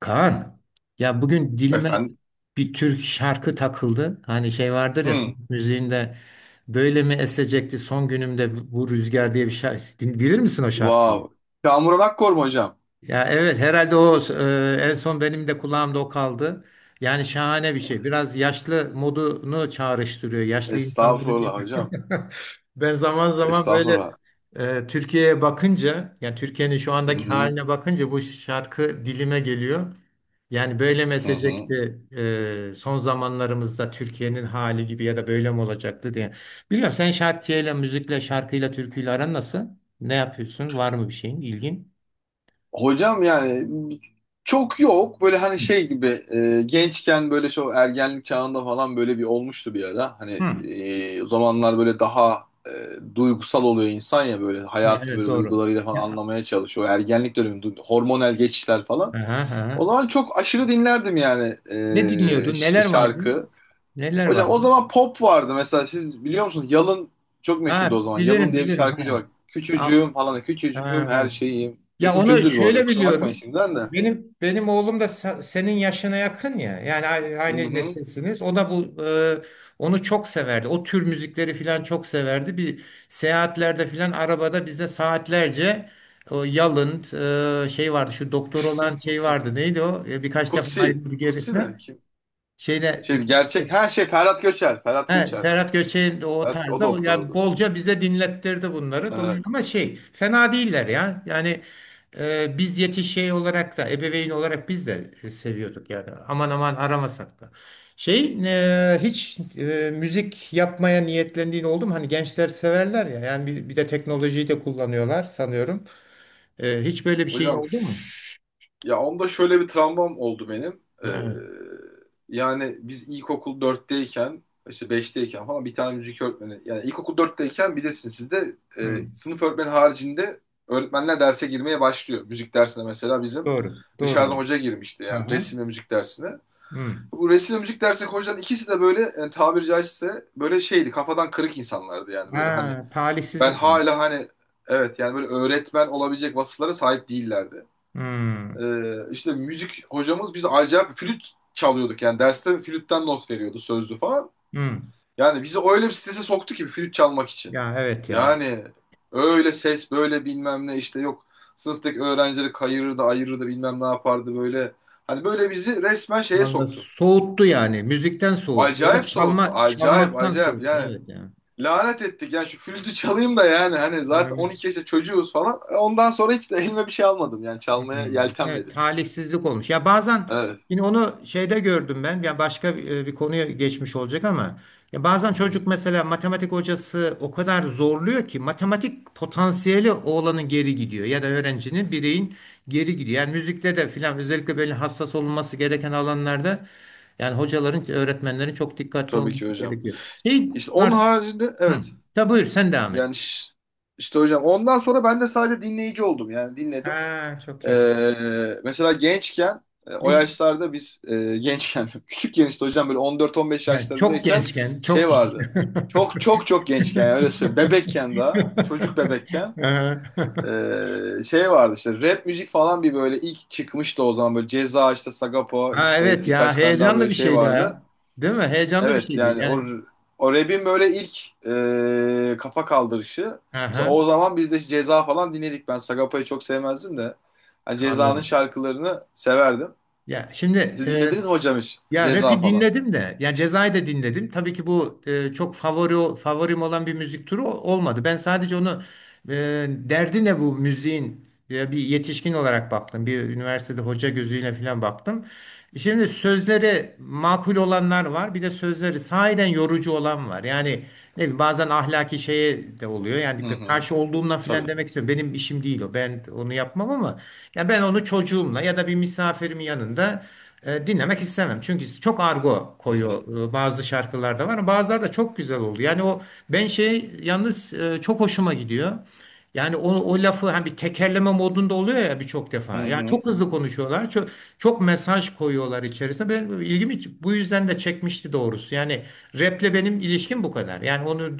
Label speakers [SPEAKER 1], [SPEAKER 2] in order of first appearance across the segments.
[SPEAKER 1] Kaan, ya bugün dilime
[SPEAKER 2] Efendim?
[SPEAKER 1] bir Türk şarkı takıldı. Hani şey vardır ya sanat
[SPEAKER 2] Hmm.
[SPEAKER 1] müziğinde böyle mi esecekti son günümde bu rüzgar diye bir şarkı. Bilir misin o
[SPEAKER 2] Wow.
[SPEAKER 1] şarkıyı?
[SPEAKER 2] Kamuran Akkor mu hocam?
[SPEAKER 1] Ya evet herhalde o en son benim de kulağımda o kaldı. Yani şahane bir şey. Biraz yaşlı modunu çağrıştırıyor. Yaşlı insanların
[SPEAKER 2] Estağfurullah hocam.
[SPEAKER 1] Ben zaman zaman böyle
[SPEAKER 2] Estağfurullah.
[SPEAKER 1] Türkiye'ye bakınca, yani Türkiye'nin şu
[SPEAKER 2] Hı
[SPEAKER 1] andaki
[SPEAKER 2] hı.
[SPEAKER 1] haline bakınca bu şarkı dilime geliyor. Yani böyle
[SPEAKER 2] Hı hı.
[SPEAKER 1] mesecekti son zamanlarımızda Türkiye'nin hali gibi ya da böyle mi olacaktı diye. Bilmiyorum sen şarkıyla, müzikle, şarkıyla, türküyle aran nasıl? Ne yapıyorsun? Var mı bir şeyin ilgin?
[SPEAKER 2] Hocam yani çok yok. Böyle hani şey gibi gençken böyle şu ergenlik çağında falan böyle bir olmuştu bir ara. Hani
[SPEAKER 1] Hı.
[SPEAKER 2] o zamanlar böyle daha duygusal oluyor insan ya böyle
[SPEAKER 1] Ha,
[SPEAKER 2] hayatı
[SPEAKER 1] evet,
[SPEAKER 2] böyle
[SPEAKER 1] doğru.
[SPEAKER 2] duygularıyla falan
[SPEAKER 1] Ya,
[SPEAKER 2] anlamaya çalışıyor. O ergenlik dönemi hormonal geçişler falan.
[SPEAKER 1] aha,
[SPEAKER 2] O
[SPEAKER 1] aha.
[SPEAKER 2] zaman çok aşırı dinlerdim yani
[SPEAKER 1] Ne dinliyordun?
[SPEAKER 2] işte
[SPEAKER 1] Neler vardı?
[SPEAKER 2] şarkı.
[SPEAKER 1] Neler
[SPEAKER 2] Hocam o
[SPEAKER 1] vardı?
[SPEAKER 2] zaman pop vardı mesela siz biliyor musunuz? Yalın çok meşhurdu o
[SPEAKER 1] Ha,
[SPEAKER 2] zaman. Yalın
[SPEAKER 1] bilirim
[SPEAKER 2] diye bir
[SPEAKER 1] bilirim.
[SPEAKER 2] şarkıcı
[SPEAKER 1] Ha.
[SPEAKER 2] var.
[SPEAKER 1] Ya,
[SPEAKER 2] Küçücüğüm falan küçücüğüm
[SPEAKER 1] ha,
[SPEAKER 2] her
[SPEAKER 1] evet.
[SPEAKER 2] şeyim.
[SPEAKER 1] Ya
[SPEAKER 2] Esim
[SPEAKER 1] onu
[SPEAKER 2] kötüdür bu arada
[SPEAKER 1] şöyle
[SPEAKER 2] kusura bakmayın
[SPEAKER 1] biliyorum.
[SPEAKER 2] şimdiden de.
[SPEAKER 1] Benim oğlum da senin yaşına yakın ya. Yani
[SPEAKER 2] Hı
[SPEAKER 1] aynı
[SPEAKER 2] hı.
[SPEAKER 1] nesilsiniz. O da onu çok severdi. O tür müzikleri filan çok severdi. Bir seyahatlerde filan arabada bize saatlerce o Yalın şey vardı. Şu doktor olan şey vardı. Neydi o? Birkaç defa
[SPEAKER 2] Kutsi.
[SPEAKER 1] ayrıldı geri.
[SPEAKER 2] Kutsi mi? Kim?
[SPEAKER 1] Şeyde
[SPEAKER 2] Şey
[SPEAKER 1] birkaç
[SPEAKER 2] gerçek her şey Ferhat Göçer. Ferhat
[SPEAKER 1] he,
[SPEAKER 2] Göçer.
[SPEAKER 1] Ferhat Göçer'in de o
[SPEAKER 2] Ferhat, o
[SPEAKER 1] tarzda yani
[SPEAKER 2] doktordu.
[SPEAKER 1] bolca bize dinlettirdi bunları. Dolayısıyla
[SPEAKER 2] Ee,
[SPEAKER 1] ama şey fena değiller ya. Yani biz yetiş şey olarak da ebeveyn olarak biz de seviyorduk yani. Aman aman aramasak da. Şey hiç müzik yapmaya niyetlendiğin oldu mu? Hani gençler severler ya. Yani bir de teknolojiyi de kullanıyorlar sanıyorum. Hiç böyle bir şeyin
[SPEAKER 2] Hocam,
[SPEAKER 1] oldu mu?
[SPEAKER 2] ya onda şöyle bir travmam oldu benim. Ee,
[SPEAKER 1] He.
[SPEAKER 2] yani biz ilkokul dörtteyken, işte beşteyken falan bir tane müzik öğretmeni, yani ilkokul dörtteyken bilirsiniz sizde
[SPEAKER 1] Hı.
[SPEAKER 2] sınıf öğretmeni haricinde öğretmenler derse girmeye başlıyor. Müzik dersine mesela bizim
[SPEAKER 1] Doğru.
[SPEAKER 2] dışarıdan
[SPEAKER 1] Doğru.
[SPEAKER 2] hoca girmişti, yani
[SPEAKER 1] Aha.
[SPEAKER 2] resim ve müzik dersine.
[SPEAKER 1] Hı.
[SPEAKER 2] Bu resim ve müzik dersindeki hocaların ikisi de böyle tabiri caizse böyle şeydi, kafadan kırık insanlardı yani. Böyle hani
[SPEAKER 1] Ha,
[SPEAKER 2] ben
[SPEAKER 1] talihsizlik bu.
[SPEAKER 2] hala hani evet yani böyle öğretmen olabilecek vasıflara sahip değillerdi.
[SPEAKER 1] Hmm,
[SPEAKER 2] İşte müzik hocamız, biz acayip flüt çalıyorduk yani, derste flütten not veriyordu, sözlü falan.
[SPEAKER 1] hmm.
[SPEAKER 2] Yani bizi öyle bir strese soktu ki flüt çalmak için.
[SPEAKER 1] Ya evet ya.
[SPEAKER 2] Yani öyle ses böyle bilmem ne işte yok, sınıftaki öğrencileri kayırırdı, ayırırdı, bilmem ne yapardı böyle. Hani böyle bizi resmen şeye
[SPEAKER 1] Vallahi
[SPEAKER 2] soktu.
[SPEAKER 1] soğuttu yani. Müzikten soğuttu. Ya da
[SPEAKER 2] Acayip soğuttu,
[SPEAKER 1] çalma,
[SPEAKER 2] acayip
[SPEAKER 1] çalmaktan
[SPEAKER 2] acayip
[SPEAKER 1] soğuttu.
[SPEAKER 2] yani,
[SPEAKER 1] Evet
[SPEAKER 2] lanet ettik yani şu flütü çalayım da, yani hani zaten
[SPEAKER 1] ya.
[SPEAKER 2] 12 yaşında çocuğuz falan. Ondan sonra hiç de elime bir şey almadım yani, çalmaya
[SPEAKER 1] Hmm. Evet,
[SPEAKER 2] yeltenmedim yani.
[SPEAKER 1] talihsizlik olmuş. Ya bazen
[SPEAKER 2] Evet.
[SPEAKER 1] yine onu şeyde gördüm ben. Ya başka bir konuya geçmiş olacak ama ya bazen
[SPEAKER 2] Hı
[SPEAKER 1] çocuk
[SPEAKER 2] hı.
[SPEAKER 1] mesela matematik hocası o kadar zorluyor ki matematik potansiyeli oğlanın geri gidiyor ya da öğrencinin bireyin geri gidiyor. Yani müzikte de filan özellikle böyle hassas olunması gereken alanlarda yani hocaların, öğretmenlerin çok dikkatli
[SPEAKER 2] Tabii ki
[SPEAKER 1] olması
[SPEAKER 2] hocam.
[SPEAKER 1] gerekiyor. Şey,
[SPEAKER 2] İşte onun
[SPEAKER 1] pardon.
[SPEAKER 2] haricinde
[SPEAKER 1] Hı.
[SPEAKER 2] evet,
[SPEAKER 1] Buyur sen devam et.
[SPEAKER 2] yani işte hocam ondan sonra ben de sadece dinleyici oldum yani, dinledim.
[SPEAKER 1] Ha, çok iyi.
[SPEAKER 2] Mesela gençken o
[SPEAKER 1] Ne-
[SPEAKER 2] yaşlarda biz gençken küçükken işte hocam böyle 14-15
[SPEAKER 1] Yani çok
[SPEAKER 2] yaşlarındayken
[SPEAKER 1] gençken, çok
[SPEAKER 2] şey
[SPEAKER 1] genç.
[SPEAKER 2] vardı. Çok çok çok gençken, yani öyle söyleyeyim. Bebekken, daha çocuk bebekken
[SPEAKER 1] Ee,
[SPEAKER 2] şey vardı işte, rap müzik falan bir böyle ilk çıkmıştı o zaman, böyle Ceza işte, Sagapo
[SPEAKER 1] Ha,
[SPEAKER 2] işte,
[SPEAKER 1] evet, ya
[SPEAKER 2] birkaç tane daha
[SPEAKER 1] heyecanlı
[SPEAKER 2] böyle
[SPEAKER 1] bir
[SPEAKER 2] şey
[SPEAKER 1] şeydi
[SPEAKER 2] vardı.
[SPEAKER 1] ya. Değil mi? Heyecanlı bir
[SPEAKER 2] Evet
[SPEAKER 1] şeydi.
[SPEAKER 2] yani o,
[SPEAKER 1] Yani
[SPEAKER 2] o rap'in böyle ilk kafa kaldırışı. Mesela
[SPEAKER 1] aha,
[SPEAKER 2] o zaman biz de Ceza falan dinledik. Ben Sagopa'yı çok sevmezdim de. Hani Ceza'nın
[SPEAKER 1] anladım.
[SPEAKER 2] şarkılarını severdim.
[SPEAKER 1] Ya şimdi
[SPEAKER 2] Siz dinlediniz mi hocam hiç?
[SPEAKER 1] ya
[SPEAKER 2] Ceza
[SPEAKER 1] rap'i
[SPEAKER 2] falan.
[SPEAKER 1] dinledim de yani Ceza'yı da dinledim. Tabii ki bu çok favorim olan bir müzik türü olmadı. Ben sadece onu e, derdi ne bu müziğin bir yetişkin olarak baktım. Bir üniversitede hoca gözüyle falan baktım. Şimdi sözleri makul olanlar var. Bir de sözleri sahiden yorucu olan var. Yani ne bileyim, bazen ahlaki şeye de oluyor.
[SPEAKER 2] Hı
[SPEAKER 1] Yani bir
[SPEAKER 2] hı.
[SPEAKER 1] karşı olduğumla falan
[SPEAKER 2] Tabii.
[SPEAKER 1] demek istiyorum. Benim işim değil o. Ben onu yapmam ama ya ben onu çocuğumla ya da bir misafirimin yanında dinlemek istemem. Çünkü çok argo
[SPEAKER 2] Hı hı.
[SPEAKER 1] koyuyor bazı şarkılarda var. Bazıları da çok güzel oldu. Yani ben yalnız çok hoşuma gidiyor. Yani o lafı hani bir tekerleme modunda oluyor ya birçok
[SPEAKER 2] Hı
[SPEAKER 1] defa. Yani
[SPEAKER 2] hı.
[SPEAKER 1] çok hızlı konuşuyorlar. Çok, çok mesaj koyuyorlar içerisine. Benim ilgimi bu yüzden de çekmişti doğrusu. Yani raple benim ilişkim bu kadar. Yani onu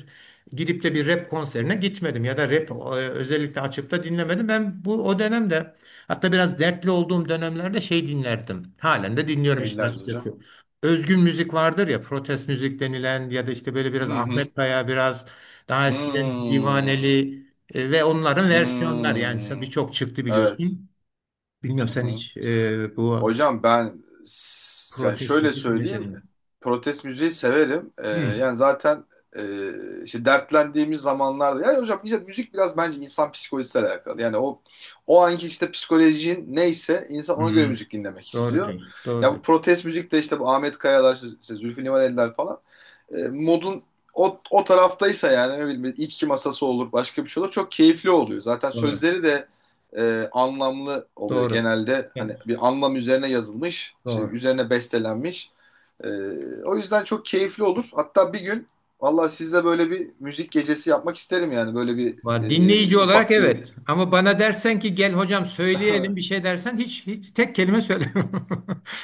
[SPEAKER 1] gidip de bir rap konserine gitmedim ya da özellikle açıp da dinlemedim. Ben bu o dönemde. Hatta biraz dertli olduğum dönemlerde şey dinlerdim. Halen de dinliyorum işin
[SPEAKER 2] Eğiliriz hocam.
[SPEAKER 1] açıkçası. Özgün müzik vardır ya, protest müzik denilen ya da işte böyle biraz
[SPEAKER 2] Hı hı.
[SPEAKER 1] Ahmet Kaya, biraz daha eskiden
[SPEAKER 2] Hmm.
[SPEAKER 1] Divaneli ve onların versiyonlar yani
[SPEAKER 2] Hmm.
[SPEAKER 1] birçok çıktı
[SPEAKER 2] Evet.
[SPEAKER 1] biliyorsun. Bilmiyorum
[SPEAKER 2] Hı
[SPEAKER 1] sen
[SPEAKER 2] hı.
[SPEAKER 1] hiç bu
[SPEAKER 2] Hocam ben yani
[SPEAKER 1] protest
[SPEAKER 2] şöyle
[SPEAKER 1] müzik dinledin
[SPEAKER 2] söyleyeyim.
[SPEAKER 1] mi?
[SPEAKER 2] Protest müziği severim.
[SPEAKER 1] Hmm.
[SPEAKER 2] Yani zaten e, işte dertlendiğimiz zamanlarda. Yani hocam, işte müzik biraz bence insan psikolojisiyle alakalı. Yani o anki işte psikolojin neyse, insan ona göre
[SPEAKER 1] Hmm.
[SPEAKER 2] müzik dinlemek
[SPEAKER 1] Doğru
[SPEAKER 2] istiyor.
[SPEAKER 1] diyorsun. Doğru
[SPEAKER 2] Ya bu
[SPEAKER 1] diyorsun.
[SPEAKER 2] protest müzik de işte, bu Ahmet Kayalar, işte, işte Zülfü Livaneliler falan. Modun o taraftaysa, yani ne bileyim, içki masası olur, başka bir şey olur. Çok keyifli oluyor. Zaten
[SPEAKER 1] Doğru.
[SPEAKER 2] sözleri de anlamlı oluyor.
[SPEAKER 1] Doğru.
[SPEAKER 2] Genelde hani
[SPEAKER 1] Evet,
[SPEAKER 2] bir anlam üzerine yazılmış, işte
[SPEAKER 1] doğru.
[SPEAKER 2] üzerine bestelenmiş. O yüzden çok keyifli olur. Hatta bir gün valla sizle böyle bir müzik gecesi yapmak isterim yani. Böyle bir
[SPEAKER 1] Var dinleyici olarak,
[SPEAKER 2] ufak bir...
[SPEAKER 1] evet. Ama bana dersen ki gel hocam söyleyelim bir şey dersen hiç tek kelime söylemem.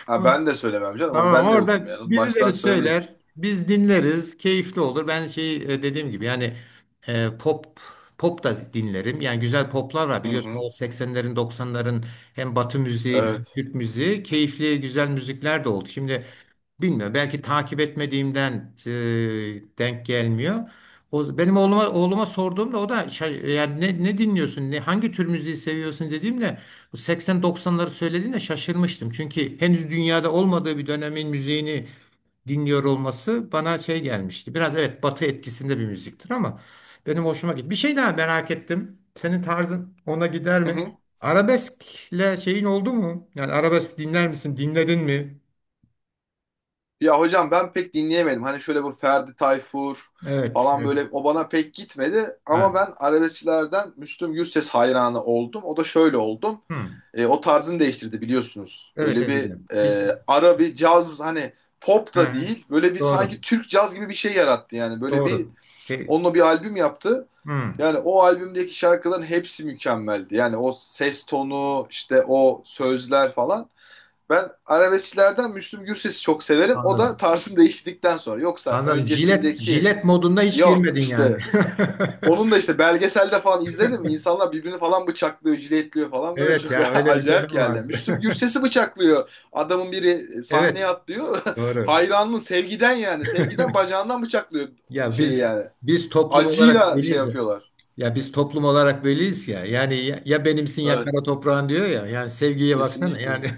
[SPEAKER 2] ha, ben de söylemem canım.
[SPEAKER 1] Tamam,
[SPEAKER 2] Ben de yokum
[SPEAKER 1] orada
[SPEAKER 2] yani. Baştan
[SPEAKER 1] birileri
[SPEAKER 2] söyleyeyim.
[SPEAKER 1] söyler, biz dinleriz, keyifli olur. Ben dediğim gibi yani e, pop pop da dinlerim. Yani güzel poplar var
[SPEAKER 2] Hı
[SPEAKER 1] biliyorsun
[SPEAKER 2] hı.
[SPEAKER 1] o 80'lerin 90'ların hem Batı müziği hem
[SPEAKER 2] Evet.
[SPEAKER 1] Türk müziği keyifli güzel müzikler de oldu. Şimdi bilmiyorum. Belki takip etmediğimden denk gelmiyor. O, benim oğluma sorduğumda o da yani ne dinliyorsun? Hangi tür müziği seviyorsun dediğimde bu 80-90'ları söylediğinde şaşırmıştım. Çünkü henüz dünyada olmadığı bir dönemin müziğini dinliyor olması bana şey gelmişti. Biraz evet Batı etkisinde bir müziktir ama benim hoşuma gitti. Bir şey daha merak ettim. Senin tarzın ona gider
[SPEAKER 2] Hı
[SPEAKER 1] mi?
[SPEAKER 2] hı.
[SPEAKER 1] Arabeskle şeyin oldu mu? Yani arabesk dinler misin? Dinledin mi?
[SPEAKER 2] Ya hocam ben pek dinleyemedim. Hani şöyle bu Ferdi Tayfur
[SPEAKER 1] Evet.
[SPEAKER 2] falan
[SPEAKER 1] Evet.
[SPEAKER 2] böyle, o bana pek gitmedi. Ama
[SPEAKER 1] Ha.
[SPEAKER 2] ben arabeskçilerden Müslüm Gürses hayranı oldum. O da şöyle oldum:
[SPEAKER 1] Hı.
[SPEAKER 2] O tarzını değiştirdi, biliyorsunuz.
[SPEAKER 1] Evet,
[SPEAKER 2] Böyle
[SPEAKER 1] evet,
[SPEAKER 2] bir
[SPEAKER 1] biliyorum. Bir,
[SPEAKER 2] ara bir caz, hani pop da
[SPEAKER 1] hı,
[SPEAKER 2] değil. Böyle bir, sanki
[SPEAKER 1] doğru.
[SPEAKER 2] Türk caz gibi bir şey yarattı yani. Böyle bir,
[SPEAKER 1] Doğru. E,
[SPEAKER 2] onunla bir albüm yaptı.
[SPEAKER 1] hı,
[SPEAKER 2] Yani o albümdeki şarkıların hepsi mükemmeldi. Yani o ses tonu, işte o sözler falan. Ben arabeskçilerden Müslüm Gürses'i çok severim, o da
[SPEAKER 1] anladım.
[SPEAKER 2] tarzını değiştirdikten sonra. Yoksa
[SPEAKER 1] Anladım. Jilet,
[SPEAKER 2] öncesindeki,
[SPEAKER 1] jilet modunda hiç
[SPEAKER 2] yok
[SPEAKER 1] girmedin yani.
[SPEAKER 2] işte. Onun da işte belgeselde falan izledim. İnsanlar birbirini falan bıçaklıyor, jiletliyor falan, böyle
[SPEAKER 1] Evet
[SPEAKER 2] çok
[SPEAKER 1] ya öyle bir
[SPEAKER 2] acayip
[SPEAKER 1] dönem
[SPEAKER 2] geldi.
[SPEAKER 1] vardı.
[SPEAKER 2] Müslüm Gürses'i bıçaklıyor adamın biri, sahneye
[SPEAKER 1] Evet.
[SPEAKER 2] atlıyor.
[SPEAKER 1] Doğru.
[SPEAKER 2] Hayranlığın sevgiden yani. Sevgiden bacağından bıçaklıyor
[SPEAKER 1] Ya
[SPEAKER 2] şeyi
[SPEAKER 1] biz
[SPEAKER 2] yani.
[SPEAKER 1] biz toplum olarak
[SPEAKER 2] Acıyla şey
[SPEAKER 1] öyleyiz.
[SPEAKER 2] yapıyorlar.
[SPEAKER 1] Ya biz toplum olarak böyleyiz ya. Yani ya, ya benimsin ya
[SPEAKER 2] Evet,
[SPEAKER 1] kara toprağın diyor ya. Yani sevgiye baksana. Yani
[SPEAKER 2] kesinlikle.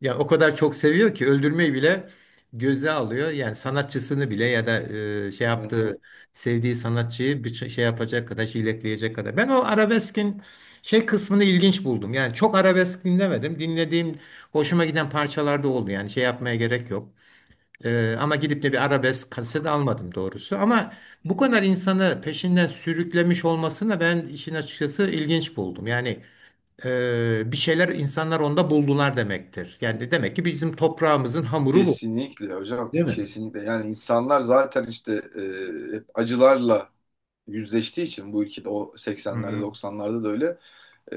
[SPEAKER 1] ya o kadar çok seviyor ki öldürmeyi bile göze alıyor. Yani sanatçısını bile ya da
[SPEAKER 2] Hı
[SPEAKER 1] yaptığı
[SPEAKER 2] hı.
[SPEAKER 1] sevdiği sanatçıyı bir şey yapacak kadar jiletleyecek kadar. Ben o arabeskin şey kısmını ilginç buldum. Yani çok arabesk dinlemedim. Dinlediğim hoşuma giden parçalar da oldu. Yani şey yapmaya gerek yok. Ama gidip de bir arabesk kaset almadım doğrusu. Ama bu kadar insanı peşinden sürüklemiş olmasını ben işin açıkçası ilginç buldum. Yani bir şeyler insanlar onda buldular demektir. Yani demek ki bizim toprağımızın hamuru bu.
[SPEAKER 2] Kesinlikle hocam,
[SPEAKER 1] Değil mi?
[SPEAKER 2] kesinlikle. Yani insanlar zaten işte hep acılarla yüzleştiği için bu ülkede, o 80'lerde
[SPEAKER 1] Hı-hı.
[SPEAKER 2] 90'larda da öyle. Ee,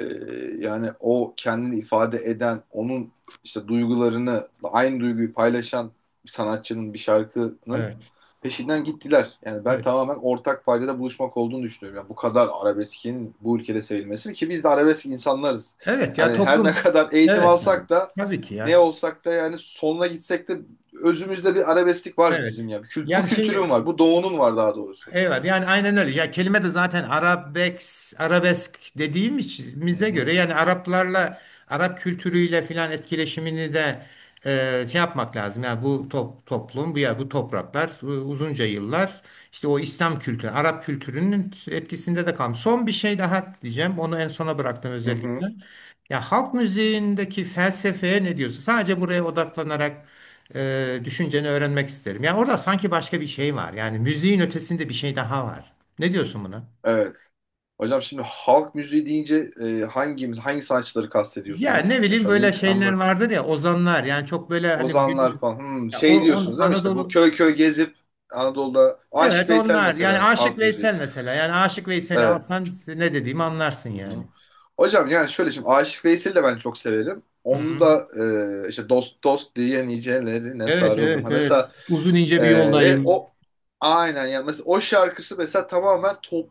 [SPEAKER 2] yani o kendini ifade eden, onun işte duygularını, aynı duyguyu paylaşan bir sanatçının, bir şarkının
[SPEAKER 1] Evet.
[SPEAKER 2] peşinden gittiler. Yani ben
[SPEAKER 1] Evet.
[SPEAKER 2] tamamen ortak paydada buluşmak olduğunu düşünüyorum. Yani bu kadar arabeskin bu ülkede sevilmesi, ki biz de arabesk insanlarız.
[SPEAKER 1] Evet ya,
[SPEAKER 2] Hani her ne
[SPEAKER 1] toplum.
[SPEAKER 2] kadar eğitim
[SPEAKER 1] Evet. Evet.
[SPEAKER 2] alsak da,
[SPEAKER 1] Tabii ki
[SPEAKER 2] ne
[SPEAKER 1] ya.
[SPEAKER 2] olsak da, yani sonuna gitsek de özümüzde bir arabesklik var bizim
[SPEAKER 1] Evet.
[SPEAKER 2] yani. Kült, bu
[SPEAKER 1] Yani
[SPEAKER 2] kültürün var. Bu doğunun var, daha doğrusu.
[SPEAKER 1] evet, yani aynen öyle. Ya kelime de zaten arabesk
[SPEAKER 2] Hı
[SPEAKER 1] dediğimize göre
[SPEAKER 2] hı.
[SPEAKER 1] yani Araplarla Arap kültürüyle filan etkileşimini de şey yapmak lazım. Yani bu toplum, bu topraklar uzunca yıllar işte o İslam kültürü, Arap kültürünün etkisinde de kalmış. Son bir şey daha diyeceğim. Onu en sona bıraktım
[SPEAKER 2] Hı
[SPEAKER 1] özellikle.
[SPEAKER 2] hı.
[SPEAKER 1] Ya halk müziğindeki felsefeye ne diyorsun? Sadece buraya odaklanarak düşünceni öğrenmek isterim. Yani orada sanki başka bir şey var. Yani müziğin ötesinde bir şey daha var. Ne diyorsun buna?
[SPEAKER 2] Evet. Hocam şimdi halk müziği deyince hangimiz hangi sanatçıları
[SPEAKER 1] Ya ne
[SPEAKER 2] kastediyorsunuz?
[SPEAKER 1] bileyim
[SPEAKER 2] Şu an
[SPEAKER 1] böyle
[SPEAKER 2] neyi tam
[SPEAKER 1] şeyler
[SPEAKER 2] olarak...
[SPEAKER 1] vardır ya ozanlar yani çok böyle hani günü
[SPEAKER 2] Ozanlar falan,
[SPEAKER 1] ya o
[SPEAKER 2] şey
[SPEAKER 1] on
[SPEAKER 2] diyorsunuz değil mi? İşte bu
[SPEAKER 1] Anadolu
[SPEAKER 2] köy köy gezip Anadolu'da, Aşık
[SPEAKER 1] evet
[SPEAKER 2] Veysel
[SPEAKER 1] onlar yani
[SPEAKER 2] mesela
[SPEAKER 1] Aşık
[SPEAKER 2] halk müziği.
[SPEAKER 1] Veysel mesela yani Aşık Veysel'i
[SPEAKER 2] Evet.
[SPEAKER 1] alsan ne dediğimi anlarsın
[SPEAKER 2] Hı-hı.
[SPEAKER 1] yani.
[SPEAKER 2] Hocam, yani şöyle, şimdi Aşık Veysel'i de ben çok severim. Onu
[SPEAKER 1] Hı-hı.
[SPEAKER 2] da işte dost dost diye nicelerine
[SPEAKER 1] Evet,
[SPEAKER 2] sarıldım.
[SPEAKER 1] evet,
[SPEAKER 2] Ha,
[SPEAKER 1] evet,
[SPEAKER 2] mesela
[SPEAKER 1] uzun ince bir yoldayım.
[SPEAKER 2] o, aynen yani, mesela o şarkısı mesela tamamen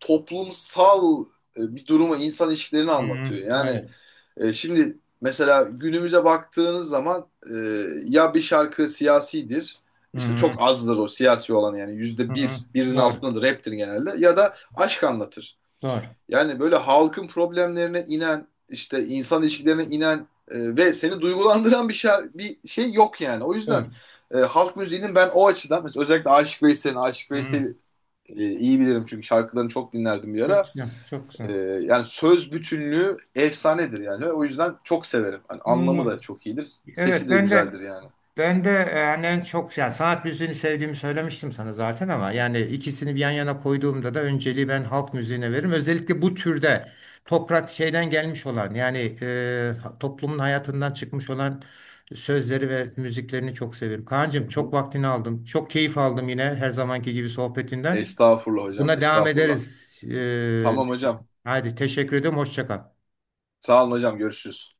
[SPEAKER 2] toplumsal bir durumu, insan ilişkilerini
[SPEAKER 1] Hı-hı.
[SPEAKER 2] anlatıyor. Yani
[SPEAKER 1] Evet.
[SPEAKER 2] Şimdi mesela günümüze baktığınız zaman ya bir şarkı siyasidir, işte
[SPEAKER 1] Hı-hı.
[SPEAKER 2] çok azdır o siyasi olan, yani yüzde
[SPEAKER 1] Hı-hı.
[SPEAKER 2] bir, birinin
[SPEAKER 1] Doğru,
[SPEAKER 2] altındadır, raptir genelde, ya da aşk anlatır.
[SPEAKER 1] doğru,
[SPEAKER 2] Yani böyle halkın problemlerine inen, işte insan ilişkilerine inen ve seni duygulandıran bir şey yok yani. O yüzden
[SPEAKER 1] doğru.
[SPEAKER 2] halk müziğinin ben o açıdan mesela, özellikle Aşık Veysel'in, Aşık
[SPEAKER 1] Hı-hı.
[SPEAKER 2] Veysel'i iyi bilirim, çünkü şarkılarını çok dinlerdim bir
[SPEAKER 1] Çok
[SPEAKER 2] ara.
[SPEAKER 1] güzel, çok
[SPEAKER 2] Ee,
[SPEAKER 1] güzel.
[SPEAKER 2] yani söz bütünlüğü efsanedir yani. O yüzden çok severim. Hani anlamı da
[SPEAKER 1] Ah,
[SPEAKER 2] çok iyidir, sesi
[SPEAKER 1] evet,
[SPEAKER 2] de
[SPEAKER 1] ben
[SPEAKER 2] güzeldir
[SPEAKER 1] de
[SPEAKER 2] yani.
[SPEAKER 1] Ben de hani en çok yani sanat müziğini sevdiğimi söylemiştim sana zaten ama yani ikisini bir yan yana koyduğumda da önceliği ben halk müziğine veririm. Özellikle bu türde toprak şeyden gelmiş olan yani toplumun hayatından çıkmış olan sözleri ve müziklerini çok severim.
[SPEAKER 2] Hı
[SPEAKER 1] Kaan'cığım çok
[SPEAKER 2] hı.
[SPEAKER 1] vaktini aldım. Çok keyif aldım yine her zamanki gibi sohbetinden.
[SPEAKER 2] Estağfurullah hocam,
[SPEAKER 1] Buna devam
[SPEAKER 2] estağfurullah.
[SPEAKER 1] ederiz. E,
[SPEAKER 2] Tamam hocam.
[SPEAKER 1] haydi teşekkür ediyorum. Hoşça kal.
[SPEAKER 2] Sağ olun hocam, görüşürüz.